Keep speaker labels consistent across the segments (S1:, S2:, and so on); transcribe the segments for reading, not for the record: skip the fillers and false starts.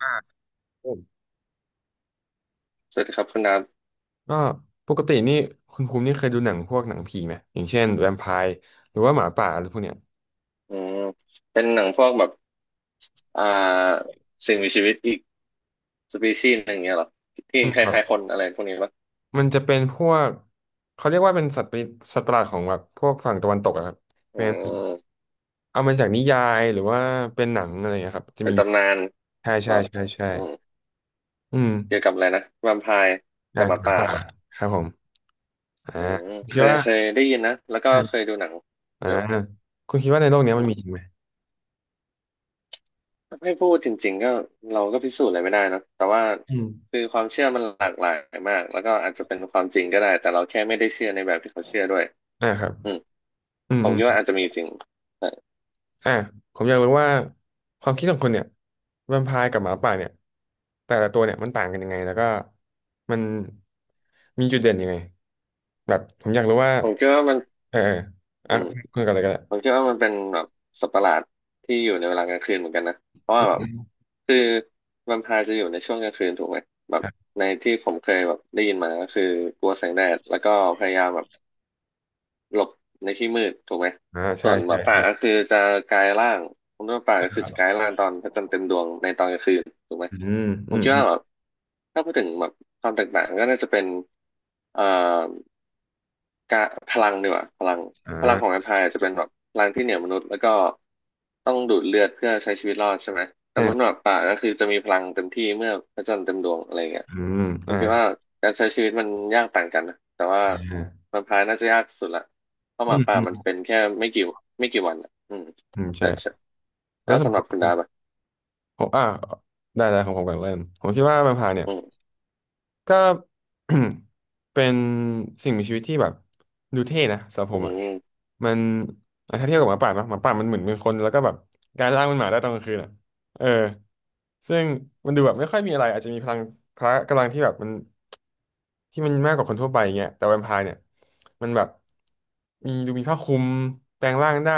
S1: ครับผม
S2: สวัสดีครับคุณดาบ
S1: ก็ปกตินี่คุณภูมินี่เคยดูหนังพวกหนังผีไหมอย่างเช่นแวมไพร์หรือว่าหมาป่าอะไรพวกเนี้ย
S2: อืมเป็นหนังพวกแบบอ่าสิ่งมีชีวิตอีกสปีชีส์หนึ่งอย่างเงี้ยเหรอที่
S1: อืม
S2: ค
S1: ครับ
S2: ล้ายๆคนอะไรพวกนี้ปะ
S1: มันจะเป็นพวกเขาเรียกว่าเป็นสัตว์ประหลาดของแบบพวกฝั่งตะวันตกอะครับ
S2: อื
S1: เป็น
S2: ม
S1: เอามาจากนิยายหรือว่าเป็นหนังอะไรนะครับจะ
S2: เป็น
S1: มี
S2: ตำนาน
S1: ใช่
S2: เหร
S1: ใช่
S2: อ
S1: ใช่ใช่
S2: อืม
S1: อืม
S2: เกี่ยวกับอะไรนะแวมไพร์กับหมา
S1: หมา
S2: ป่า
S1: ป่า
S2: เหรอ
S1: ครับผมอ่า
S2: อืมเค
S1: คิด
S2: ย
S1: ว่า
S2: เคยได้ยินนะแล้วก็เคยดูหนัง
S1: อ่า
S2: เดี๋ยว
S1: คุณคิดว่าในโลกเนี้ย
S2: อื
S1: มันมีจ
S2: ม
S1: ริงไหม
S2: ถ้าให้พูดจริงๆก็เราก็พิสูจน์อะไรไม่ได้เนอะแต่ว่า
S1: อืม
S2: คือความเชื่อมันหลากหลายมากแล้วก็อาจจะเป็นความจริงก็ได้แต่เราแค่ไม่ได้เชื่อในแบบที่เขาเชื่อด้วย
S1: ครับ
S2: อืม
S1: อืม
S2: ผมคิดว่าอาจจะมีสิ่ง
S1: อ่ะผมอยากรู้ว่าความคิดของคนเนี่ยแวมไพร์กับหมาป่าเนี่ยแต่ละตัวเนี่ยมันต่างกันยังไงแล้วก็มันมีจุดเด่นยังไงแบบผมอยากรู้ว่า
S2: ผมคิดว่ามัน
S1: เอออ่ะ
S2: อืม
S1: คุณกันเลยก็ได้
S2: ผมคิดว่ามันเป็นแบบสัตว์ประหลาดที่อยู่ในเวลากลางคืนเหมือนกันนะเพราะว่าแบบคือแวมไพร์จะอยู่ในช่วงกลางคืนถูกไหมแบบ
S1: ครับ
S2: ในที่ผมเคยแบบได้ยินมาก็คือกลัวแสงแดดแล้วก็พยายามแบบหลบในที่มืดถูกไหม
S1: ใช่
S2: ส่วนห
S1: ใช่
S2: มาป่า
S1: ใช่
S2: ก็คือจะกลายร่างผมคิดว่าป่าก็คือจะกลายร่างตอนพระจันทร์เต็มดวงในตอนกลางคืนถูกไหม
S1: อืม
S2: ผ
S1: อื
S2: ม
S1: ม
S2: คิด
S1: อืม
S2: ว่าแบบถ้าพูดถึงแบบความแตกต่างก็น่าจะเป็นเอ่อ กะพลังดีกว่า
S1: อ่
S2: พลังของแว
S1: า
S2: มไพร์จะเป็นแบบพลังที่เหนือมนุษย์แล้วก็ต้องดูดเลือดเพื่อใช้ชีวิตรอดใช่ไหมแต่
S1: อ่
S2: มนุษย์ห
S1: า
S2: มาป่าก็คือจะมีพลังเต็มที่เมื่อพระจันทร์เต็มดวงอะไรเงี้ย
S1: อืม
S2: ผมคิดว่าการใช้ชีวิตมันยากต่างกันนะแต่ว่า
S1: อ่า
S2: แวมไพร์น่าจะยากสุดละเพราะห
S1: อื
S2: มา
S1: ม
S2: ป่า
S1: อื
S2: มัน
S1: ม
S2: เป็นแค่ไม่กี่วันอ่ะอืม
S1: อืมใช่
S2: ใช่ใช่
S1: แล้
S2: แล้
S1: ว
S2: ว
S1: สม
S2: สำ
S1: ม
S2: หรับ
S1: ติ
S2: คุณดาบอะ
S1: ผมได้ของผมก่อนเริ่มผมคิดว่าแวมไพร์เนี่ย
S2: อืม
S1: ก็ เป็นสิ่งมีชีวิตที่แบบดูเท่นะสำหรับ
S2: อื
S1: ผมอ่ะ
S2: ม
S1: มันอ่ะถ้าเทียบกับหมาป่านะหมาป่ามันเหมือนเป็นคนแล้วก็แบบการล่างเป็นหมาได้ตอนกลางคืนอ่ะเออ ซึ่งมันดูแบบไม่ค่อยมีอะไรอาจจะมีพลังพละกำลังที่แบบที่มันมากกว่าคนทั่วไปอย่างเงี้ยแต่แวมไพร์เนี่ยมันแบบมีดูมีผ้าคลุมแปลงร่างได้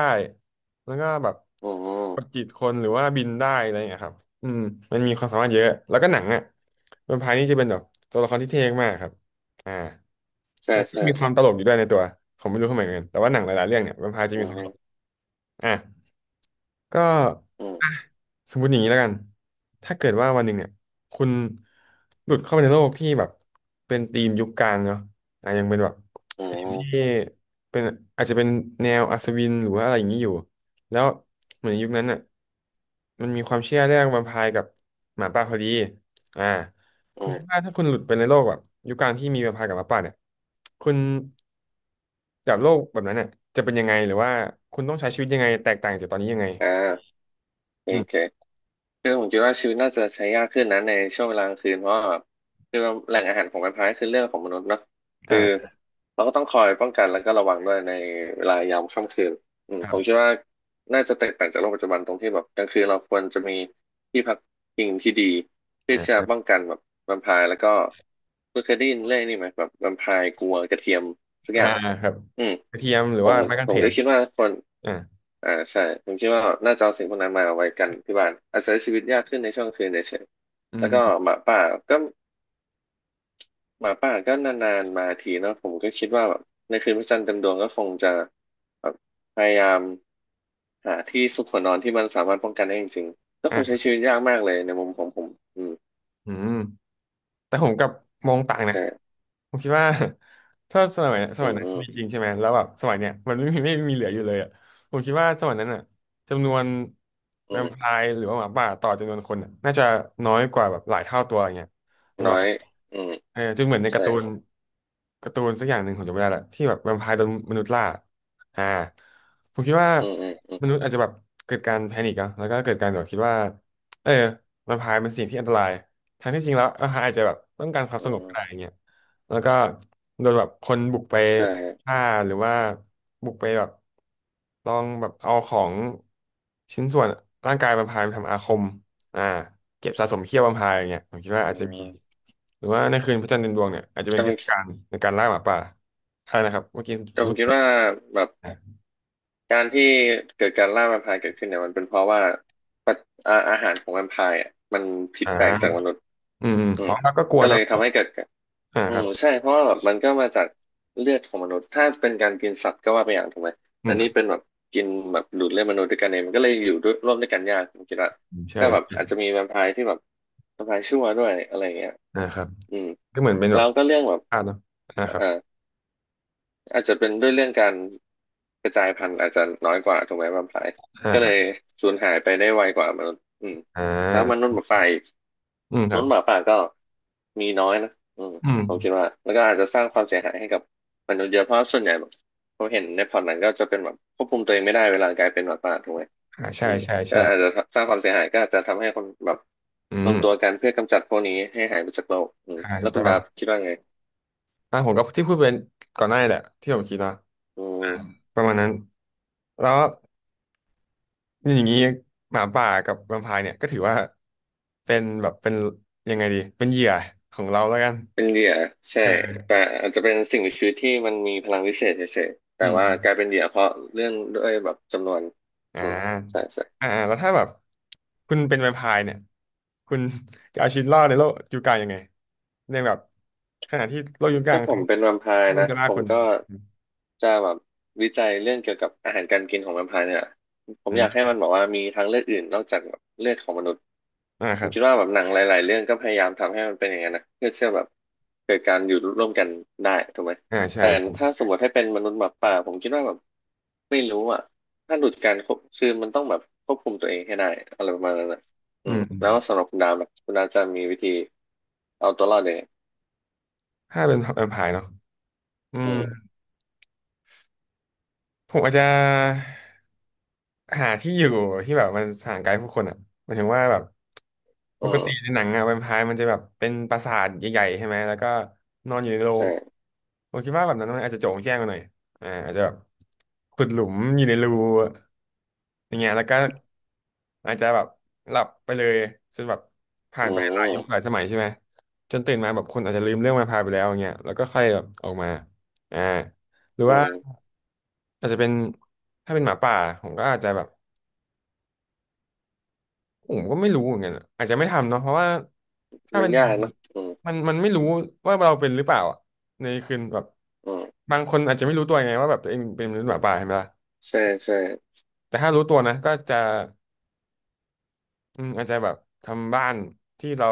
S1: แล้วก็แบบ
S2: อื
S1: ประ
S2: ม
S1: จิตคนหรือว่าบินได้อะไรอย่างเงี้ยครับอืมมันมีความสามารถเยอะแล้วก็หนังอ่ะแวมไพร์นี่จะเป็นแบบตัวละครที่เท่มากครับอ่า
S2: ใช่
S1: แล้วก็
S2: ใช่
S1: มีความตลกอยู่ด้วยในตัวผมไม่รู้ทำไมเหมือนกันแต่ว่าหนังหลายๆเรื่องเนี่ยแวมไพร์จะ
S2: อื
S1: มีความ
S2: ม
S1: ตลกอ่ะ ก็
S2: อื
S1: อ่ะ
S2: ม
S1: สมมติอย่างนี้แล้วกัน ถ้าเกิดว่าวันหนึ่งเนี่ยคุณหลุดเข้าไปในโลกที่แบบเป็นธีมยุคกลางเนาะอ่ะยังเป็นแบบ
S2: อื
S1: ธีมที่
S2: ม
S1: เป็นอาจจะเป็นแนวอัศวินหรือว่าอะไรอย่างนี้อยู่แล้วเหมือนยุคนั้นน่ะมันมีความเชื่อเรื่องแวมไพร์กับหมาป่าพอดีอ่าคุ
S2: อื
S1: ณคิดว่า
S2: ม
S1: ถ้าคุณหลุดไปในโลกแบบยุคกลางที่มีแวมไพร์กับหมาป่าเนี่ยคุณจากโลกแบบนั้นเนี่ยจะเป็นยังไงหรือว่าคุณต้องใช้ชีวิตยังไงแตกต่างจากตอนนี้ยังไง
S2: อ่าโอ
S1: อืม
S2: เค คือผมคิดว่าชีวิตน่าจะใช้ยากขึ้นนะในช่วงเวลากลางคืนเพราะว่าแคือวแหล่งอาหารของมันพายคือเรื่องของมนุษย์เนอะ
S1: อ่
S2: คือ
S1: า
S2: เราก็ต้องคอยป้องกันแล้วก็ระวังด้วยในเวลายามค่ำคืนอืม
S1: ค
S2: ผ
S1: รั
S2: มคิด
S1: บ
S2: ว่าน่าจะแตกต่างจากโลกปัจจุบันตรงที่แบบกลางคืนเราควรจะมีที่พักพิงที่ดีเพื่อที่
S1: ค
S2: จะ
S1: รั
S2: ป้อง
S1: บ
S2: กันแบบแวมไพร์แล้วก็คุณเคยได้ยินเรื่องนี้ไหมแบบแวมไพร์กลัวกระเทียมสักอ
S1: อ่า
S2: ย่าง
S1: ครับ
S2: อืม
S1: กระเทียมหรือ
S2: ผ
S1: ว่า
S2: ม
S1: ไม้กา
S2: ผ
S1: งเข
S2: มก็
S1: น
S2: คิดว่าคน
S1: อ่า
S2: ใช่ผมคิดว่าน่าจะเอาสิ่งพวกนั้นมาเอาไว้กันที่บ้านอาศัยชชีวิตยากขึ้นในช่วงคืนเฉย
S1: อื
S2: ๆแล้วก็
S1: ม
S2: หมาป่าก็หมาป่าก็นานๆมาทีเนาะผมก็คิดว่าแบบในคืนพระจันทร์เต็มดวงก็คงจะแบบพยายามหาที่ซุกหัวนอนที่มันสามารถป้องกันได้จริงๆก็คงใช้
S1: อ่า
S2: ชีวิตยากมากเลยในมุมของผมอืม
S1: อืม แต่ผมกลับมองต่างนะ
S2: ใช่
S1: ผมคิดว่า ถ้าสมัยส
S2: อื
S1: มัย
S2: ม
S1: นั้น
S2: อืม
S1: มีจริงใช่ไหมแล้วแบบสมัยเนี้ยมันไม่มีเหลืออยู่เลยอ่ะผมคิดว่าสมัยนั้นอ่ะจำนวน
S2: อื
S1: แวมไพ
S2: ม
S1: ร์หรือว่าหมาป่าต่อจำนวนคนอะน่าจะน้อยกว่าแบบหลายเท่าตัวอย่างเงี้ยเป็น
S2: น้
S1: แบ
S2: อ
S1: บ
S2: ยอืม
S1: เออจนเหมือนในกา
S2: ใช่
S1: ร์ตูนการ์ตูนสักอย่างหนึ่งผมจำไม่ได้ละที่แบบแวมไพร์โดนมนุษย์ล่าอ่าผมคิดว่า
S2: อืมอืม
S1: มนุษย์อาจจะแบบเกิดการแพนิคอะแล้วก็เกิดการแบบคิดว่าเออแวมไพร์เป็นสิ่งที่อันตราย ทั้งที่จริงแล้วเอออาจจะแบบต้องการความส
S2: อื
S1: งบก็
S2: ม
S1: ได้อย่างเงี้ยแล้วก็โดนแบบคนบุกไป
S2: ใช่
S1: ฆ่าหรือว่าบุกไปแบบลองแบบเอาของชิ้นส่วนร่างกายบัมพายมาทำอาคมอ่าเก็บสะสมเขี้ยวบัมพายอย่างเงี้ยผมคิดว่าอาจ
S2: อื
S1: จะมี หรือว่าในคืนพระจันทร์เต็มดวงเนี่ยอาจจะเป็นเทศกา
S2: ม
S1: ลในการล่าหมาป่าใช่นะครับ เมื่อกี้
S2: แต่
S1: จะ
S2: ผ
S1: พู
S2: ม
S1: ด
S2: คิดว่าแบบการที่เกิดการล่าแวมไพร์เกิดขึ้นเนี่ยมันเป็นเพราะว่าปัจอาหารของแวมไพร์อ่ะมันผิด
S1: อ่
S2: แปลกจากม
S1: า
S2: นุษย์
S1: อืมอม
S2: อื
S1: อ๋อ
S2: ม
S1: แล้วก็กลัว
S2: ก็เล
S1: เนาะ
S2: ยทำให้เกิดการอื
S1: ครับ
S2: มใช่เพราะว่าแบบมันก็มาจากเลือดของมนุษย์ถ้าเป็นการกินสัตว์ก็ว่าไปอย่างถูกไหม
S1: อื
S2: แต่
S1: มค
S2: นี่เป็
S1: รับ
S2: นแบบกินแบบดูดเลือดมนุษย์ด้วยกันเองมันก็เลยอยู่ด้วยร่วมด้วยกันยากผมคิดว่า
S1: ใช่
S2: ก็แบบ
S1: ใช่
S2: อาจจะมีแวมไพร์ที่แบบแวมไพร์ชั่วด้วยอะไรอย่างเงี้ย
S1: นะครับ
S2: อืม
S1: ก็เหมือนเป็นแบ
S2: แล้
S1: บ
S2: วก็เรื่องแบบ
S1: เนาะครั
S2: เอ่
S1: บ
S2: อ อาจจะเป็นด้วยเรื่องการกระจายพันธุ์อาจจะน้อยกว่าถูกไหมแวมไพร์ก็
S1: ค
S2: เล
S1: รับ
S2: ยสูญหายไปได้ไวกว่ามนุษย์อืม
S1: อ่
S2: แล้วม
S1: า
S2: นุษย์หมาป่าอีก
S1: อืม
S2: ม
S1: ครั
S2: นุ
S1: บ
S2: ษย์หมาป่าก็มีน้อยนะอืม
S1: อืม
S2: ผมคิดว่าแล้วก็อาจจะสร้างความเสียหายให้กับมนุษย์เยอะเพราะส่วนใหญ่แบบผมเห็นในพอร์ตหนังก็จะเป็นแบบควบคุมตัวเองไม่ได้เวลากลายเป็นหมาป่าถูกไหม
S1: ใช่
S2: อืม
S1: ใช่
S2: ก็
S1: ใช่
S2: อาจจะสร้างความเสียหายก็อาจจะทำให้คนแบบ
S1: อื
S2: ร
S1: ม
S2: วมตัวกันเพื่อกำจัดพวกนี้ให้หายไปจากโลกอืม
S1: ถู
S2: แล้ว
S1: ก
S2: คุ
S1: ต้
S2: ณ
S1: อง
S2: ดาบคิดว่าไง
S1: ผมก็ที่พูดไปก่อนหน้านี่แหละที่ผมคิดนะ
S2: อื
S1: อ่า
S2: ม
S1: ประมาณนั้นแล้วอย่างนี้หมาป่ากับแวมไพร์เนี่ยก็ถือว่าเป็นยังไงดีเป็นเหยื่อของเราแล้วกัน
S2: เป็นเหยื่อใช่
S1: เออ
S2: แต่อาจจะเป็นสิ่งมีชีวิตที่มันมีพลังวิเศษเฉยๆแต่
S1: อืม
S2: ว่า
S1: อืม
S2: กลายเป็นเหยื่อเพราะเรื่องด้วยแบบจำนวน
S1: อ่า
S2: อืมใช่ใช่
S1: แล้วถ้าแบบคุณเป็นแวมไพร์เนี่ยคุณจะเอาชีวิตรอดในโลกยุคกลางยังไงในแบบขณะที่โลกยุคกลาง
S2: ถ้าผม
S1: เขา
S2: เป็นแวมไพร์
S1: มัน
S2: นะ
S1: ก็ล่า
S2: ผม
S1: คุณ
S2: ก็จะแบบวิจัยเรื่องเกี่ยวกับอาหารการกินของแวมไพร์เนี่ยผม
S1: อื
S2: อยากให้
S1: ม
S2: มันบอกว่ามีทางเลือกอื่นนอกจากแบบเลือดของมนุษย์ผ
S1: ครั
S2: ม
S1: บ
S2: คิดว่าแบบหนังหลายๆเรื่องก็พยายามทำให้มันเป็นอย่างนั้นนะเพื่อเชื่อแบบเกิดการอยู่ร่วมกันได้ถูกไหม
S1: ใช่
S2: แต่ถ้า
S1: ใช่
S2: สมมติให้เป็นมนุษย์หมาป่าผมคิดว่าแบบไม่รู้อ่ะถ้าหลุดการควบคือมันต้องแบบควบคุมตัวเองให้ได้อะไรประมาณนั้นนะอื
S1: อื
S2: ม
S1: มอืม
S2: แล้วสำหรับคุณดาวนะคุณดาวจะมีวิธีเอาตัวรอดยังไง
S1: ถ้าเป็นแวมไพร์เนาะอื
S2: อื
S1: ม
S2: ม
S1: ผมอาจจะหาที่อยู่ที่แบบมันห่างไกลผู้คนอ่ะหมายถึงว่าแบบป
S2: อื
S1: กติใน
S2: ม
S1: หนังอะแวมไพร์มันจะแบบเป็นปราสาทใหญ่ๆใช่ไหมแล้วก็นอนอยู่ในโรง
S2: ใช่
S1: ผมคิดว่าแบบนั้นมันอาจจะโจ่งแจ้งไาหน่อยอาจจะแบบขุดหลุมอยู่ในรูอย่างเงี้ยแล้วก็ อาจจะแบบหลับไปเลยจนแบบผ่า
S2: อื
S1: นไปหลายยุคหลาย
S2: ม
S1: สมัยใช่ไหมจนตื่นมาแบบคนอาจจะลืมเรื่องมาพาไปแล้วอย่างเงี้ยแล้วก็ค่อยแบบออกมาอ่าหรือ
S2: อื
S1: ว่า
S2: ม
S1: อาจจะเป็นถ้าเป็นหมาป่าผมก็อาจจะแบบผมก็ไม่รู้เหมือนกันอะอาจจะไม่ทำเนาะเพราะว่าถ้า
S2: มัน
S1: เป็น
S2: ยากเนอะอืม
S1: มันไม่รู้ว่าเราเป็นหรือเปล่าอะในคืนแบบ
S2: อืม
S1: บางคนอาจจะไม่รู้ตัวไงว่าแบบตัวเองเป็นมนุษย์หมาป่าใช่ไหมล่ะ
S2: ใช่ใช่
S1: แต่ถ้ารู้ตัวนะก็จะ อืมอาจจะแบบทำบ้านที่เรา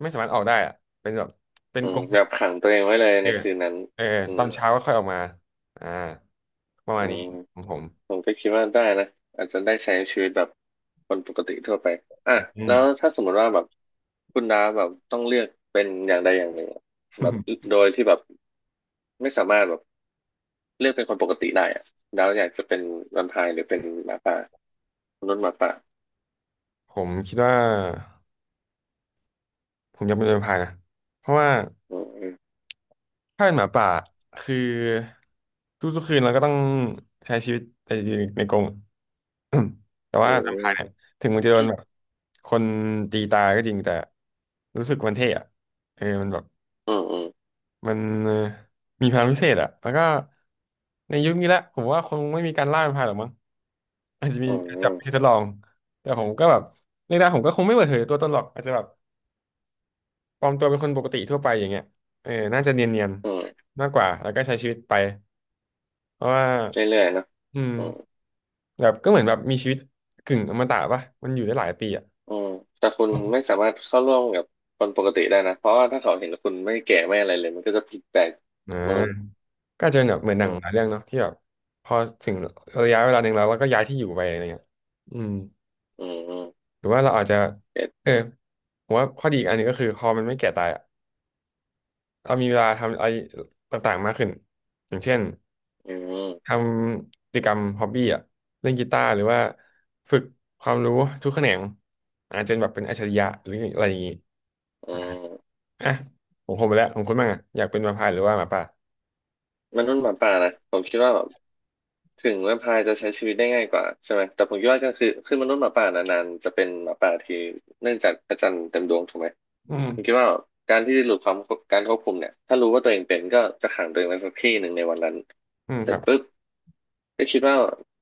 S1: ไม่สามารถออกได้อะเป็นแบบเป็น
S2: อื
S1: กร
S2: ม
S1: งเห
S2: แบ
S1: ล็ก
S2: บขังตัวเองไว้เลย
S1: เอ
S2: ใน
S1: อ
S2: คืนนั้น
S1: เออ
S2: อื
S1: ต
S2: ม
S1: อนเช้าก็ค่อยออกมาอ่าประ
S2: อื
S1: มาณนี้
S2: ม
S1: ของผม
S2: ผมก็คิดว่าได้นะอาจจะได้ใช้ชีวิตแบบคนปกติทั่วไปอ่ะ
S1: อื
S2: แล้
S1: ม
S2: วถ้าสมมติว่าแบบคุณดาแบบต้องเลือกเป็นอย่างใดอย่างหนึ่งอะแบบ โดยที่แบบไม่สามารถแบบเลือกเป็นคนปกติได้อะดาวอยากจะเป็นแวมไพร์หรือเป็นหมาป่ามนุษย์หมาป่า
S1: ผมคิดว่าผมอยากเป็นแวมไพร์นะเพราะว่า
S2: อืม
S1: ถ้าเป็นหมาป่าคือทุกๆคืนเราก็ต้องใช้ชีวิตในกรง แต่
S2: อื
S1: ว่าแวมไพ
S2: ม
S1: ร์เนี่ยถึงมันจะโดนแบบคนตีตายก็จริงแต่รู้สึกมันเท่อะเออมันแบบ
S2: อืมอืม
S1: มันเอ่อมีพลังพิเศษอะแล้วก็ในยุคนี้แหละผมว่าคงไม่มีการล่าเป็นพรายหรอกมั้งอาจจะมี
S2: อืม
S1: การ
S2: อื
S1: จับ
S2: ม
S1: ไปทดลองแต่ผมก็แบบในด้านผมก็คงไม่เปิดเผยตัวตนหรอกอาจจะแบบปลอมตัวเป็นคนปกติทั่วไปอย่างเงี้ยเออน่าจะเนียน
S2: อืม
S1: ๆมากกว่าแล้วก็ใช้ชีวิตไปเพราะว่า
S2: เรื่อยๆเนอะ
S1: อืม
S2: อืม
S1: แบบก็เหมือนแบบมีชีวิตกึ่งอมตะป่ะมันอยู่ได้หลายปีอ่ะ
S2: อืมแต่คุณไม่สามารถเข้าร่วมกับคนปกติได้นะ เพราะว่าถ้าเขาเห็นคุณไม่แก่ไม่อะไรเลยมันก็จะผิดแปลก
S1: อ
S2: มนุษย์
S1: ่าก็อาจจะเป็นแบบเหมือนหนั
S2: อื
S1: งหลาย
S2: ม
S1: เรื่องเนาะที่แบบพอถึงระยะเวลาหนึ่งแล้วเราก็ย้ายที่อยู่ไปอะไรเงี้ยอืม
S2: อืมอืม
S1: หรือว่าเราอาจจะ
S2: เก็ต
S1: เออ ผมว่าข้อดีอีกอันหนึงก็คือพอมันไม่แก่ตายอะเรามีเวลาทำอะไรต่างๆมากขึ้น อย่างเช่น
S2: อื
S1: ท
S2: ม
S1: ำกิจกรรมฮอบบี้อ่ะเล่นกีตาร์หรือว่าฝึกความรู้ทุกแขนงอาจจะแบบเป็นอัจฉริยะหรืออะไรอย่างงี้
S2: อืม
S1: อ่ะผมคงไปแล้วผมคุณบ้างอ่ะอยากเป็นมาพายหรือว่าหมาป่า
S2: มนุษย์หมาป่านะ ผมคิดว่าแบบ ถึงแวมไพร์จะใช้ชีวิตได้ง่ายกว่าใช่ไหมแต่ผมคิดว่าก็คือมนุษย์หมาป่านานๆจะเป็นหมาป่าที่เนื่องจากพระจันทร์เต็มดวงถูกไหม
S1: อืม
S2: ผมคิดว่าการที่หลุดความการควบคุมเนี่ยถ้ารู้ว่าตัวเองเป็นก็จะขังตัวเองไว้สักที่หนึ่งในวันนั้น
S1: อืม
S2: เส
S1: ค
S2: ร็จ
S1: รับ
S2: ปุ๊บก็คิดว่า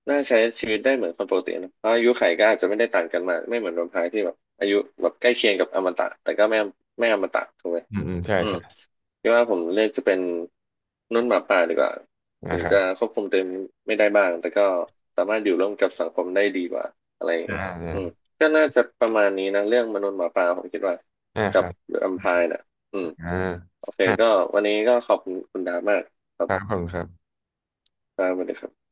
S2: น่าใช้ชีวิตได้เหมือนคนปกตินะเพราะอายุไขก็อาจจะไม่ได้ต่างกันมากไม่เหมือนแวมไพร์ที่แบบอายุแบบใกล้เคียงกับอมตะแต่ก็ไม่อมตะถูกไหม
S1: อืมอืมใช่
S2: อืม
S1: ใช่
S2: คิดว่าผมเลือกจะเป็นมนุ่นหมาป่าดีกว่า ถึ
S1: นะ
S2: ง
S1: ครั
S2: จะ
S1: บ
S2: ควบคุมตัวเองไม่ได้บ้างแต่ก็สามารถอยู่ร่วมกับสังคมได้ดีกว่าอะไรอย่าง
S1: อ่า
S2: เงี้ยอืม
S1: อ่า
S2: ก็น่าจะประมาณนี้นะเรื่องมนุษย์หมาป่าผมคิดว่า
S1: อ่าค
S2: กับ
S1: รับ
S2: แอมไพร์น่ะอืม
S1: อ่า
S2: โอเค
S1: อ่า
S2: ก็วันนี้ก็ขอบคุณคุณดามากครั
S1: ค
S2: บ
S1: รับขอบคุณครับ
S2: ดาสวัสดีครับ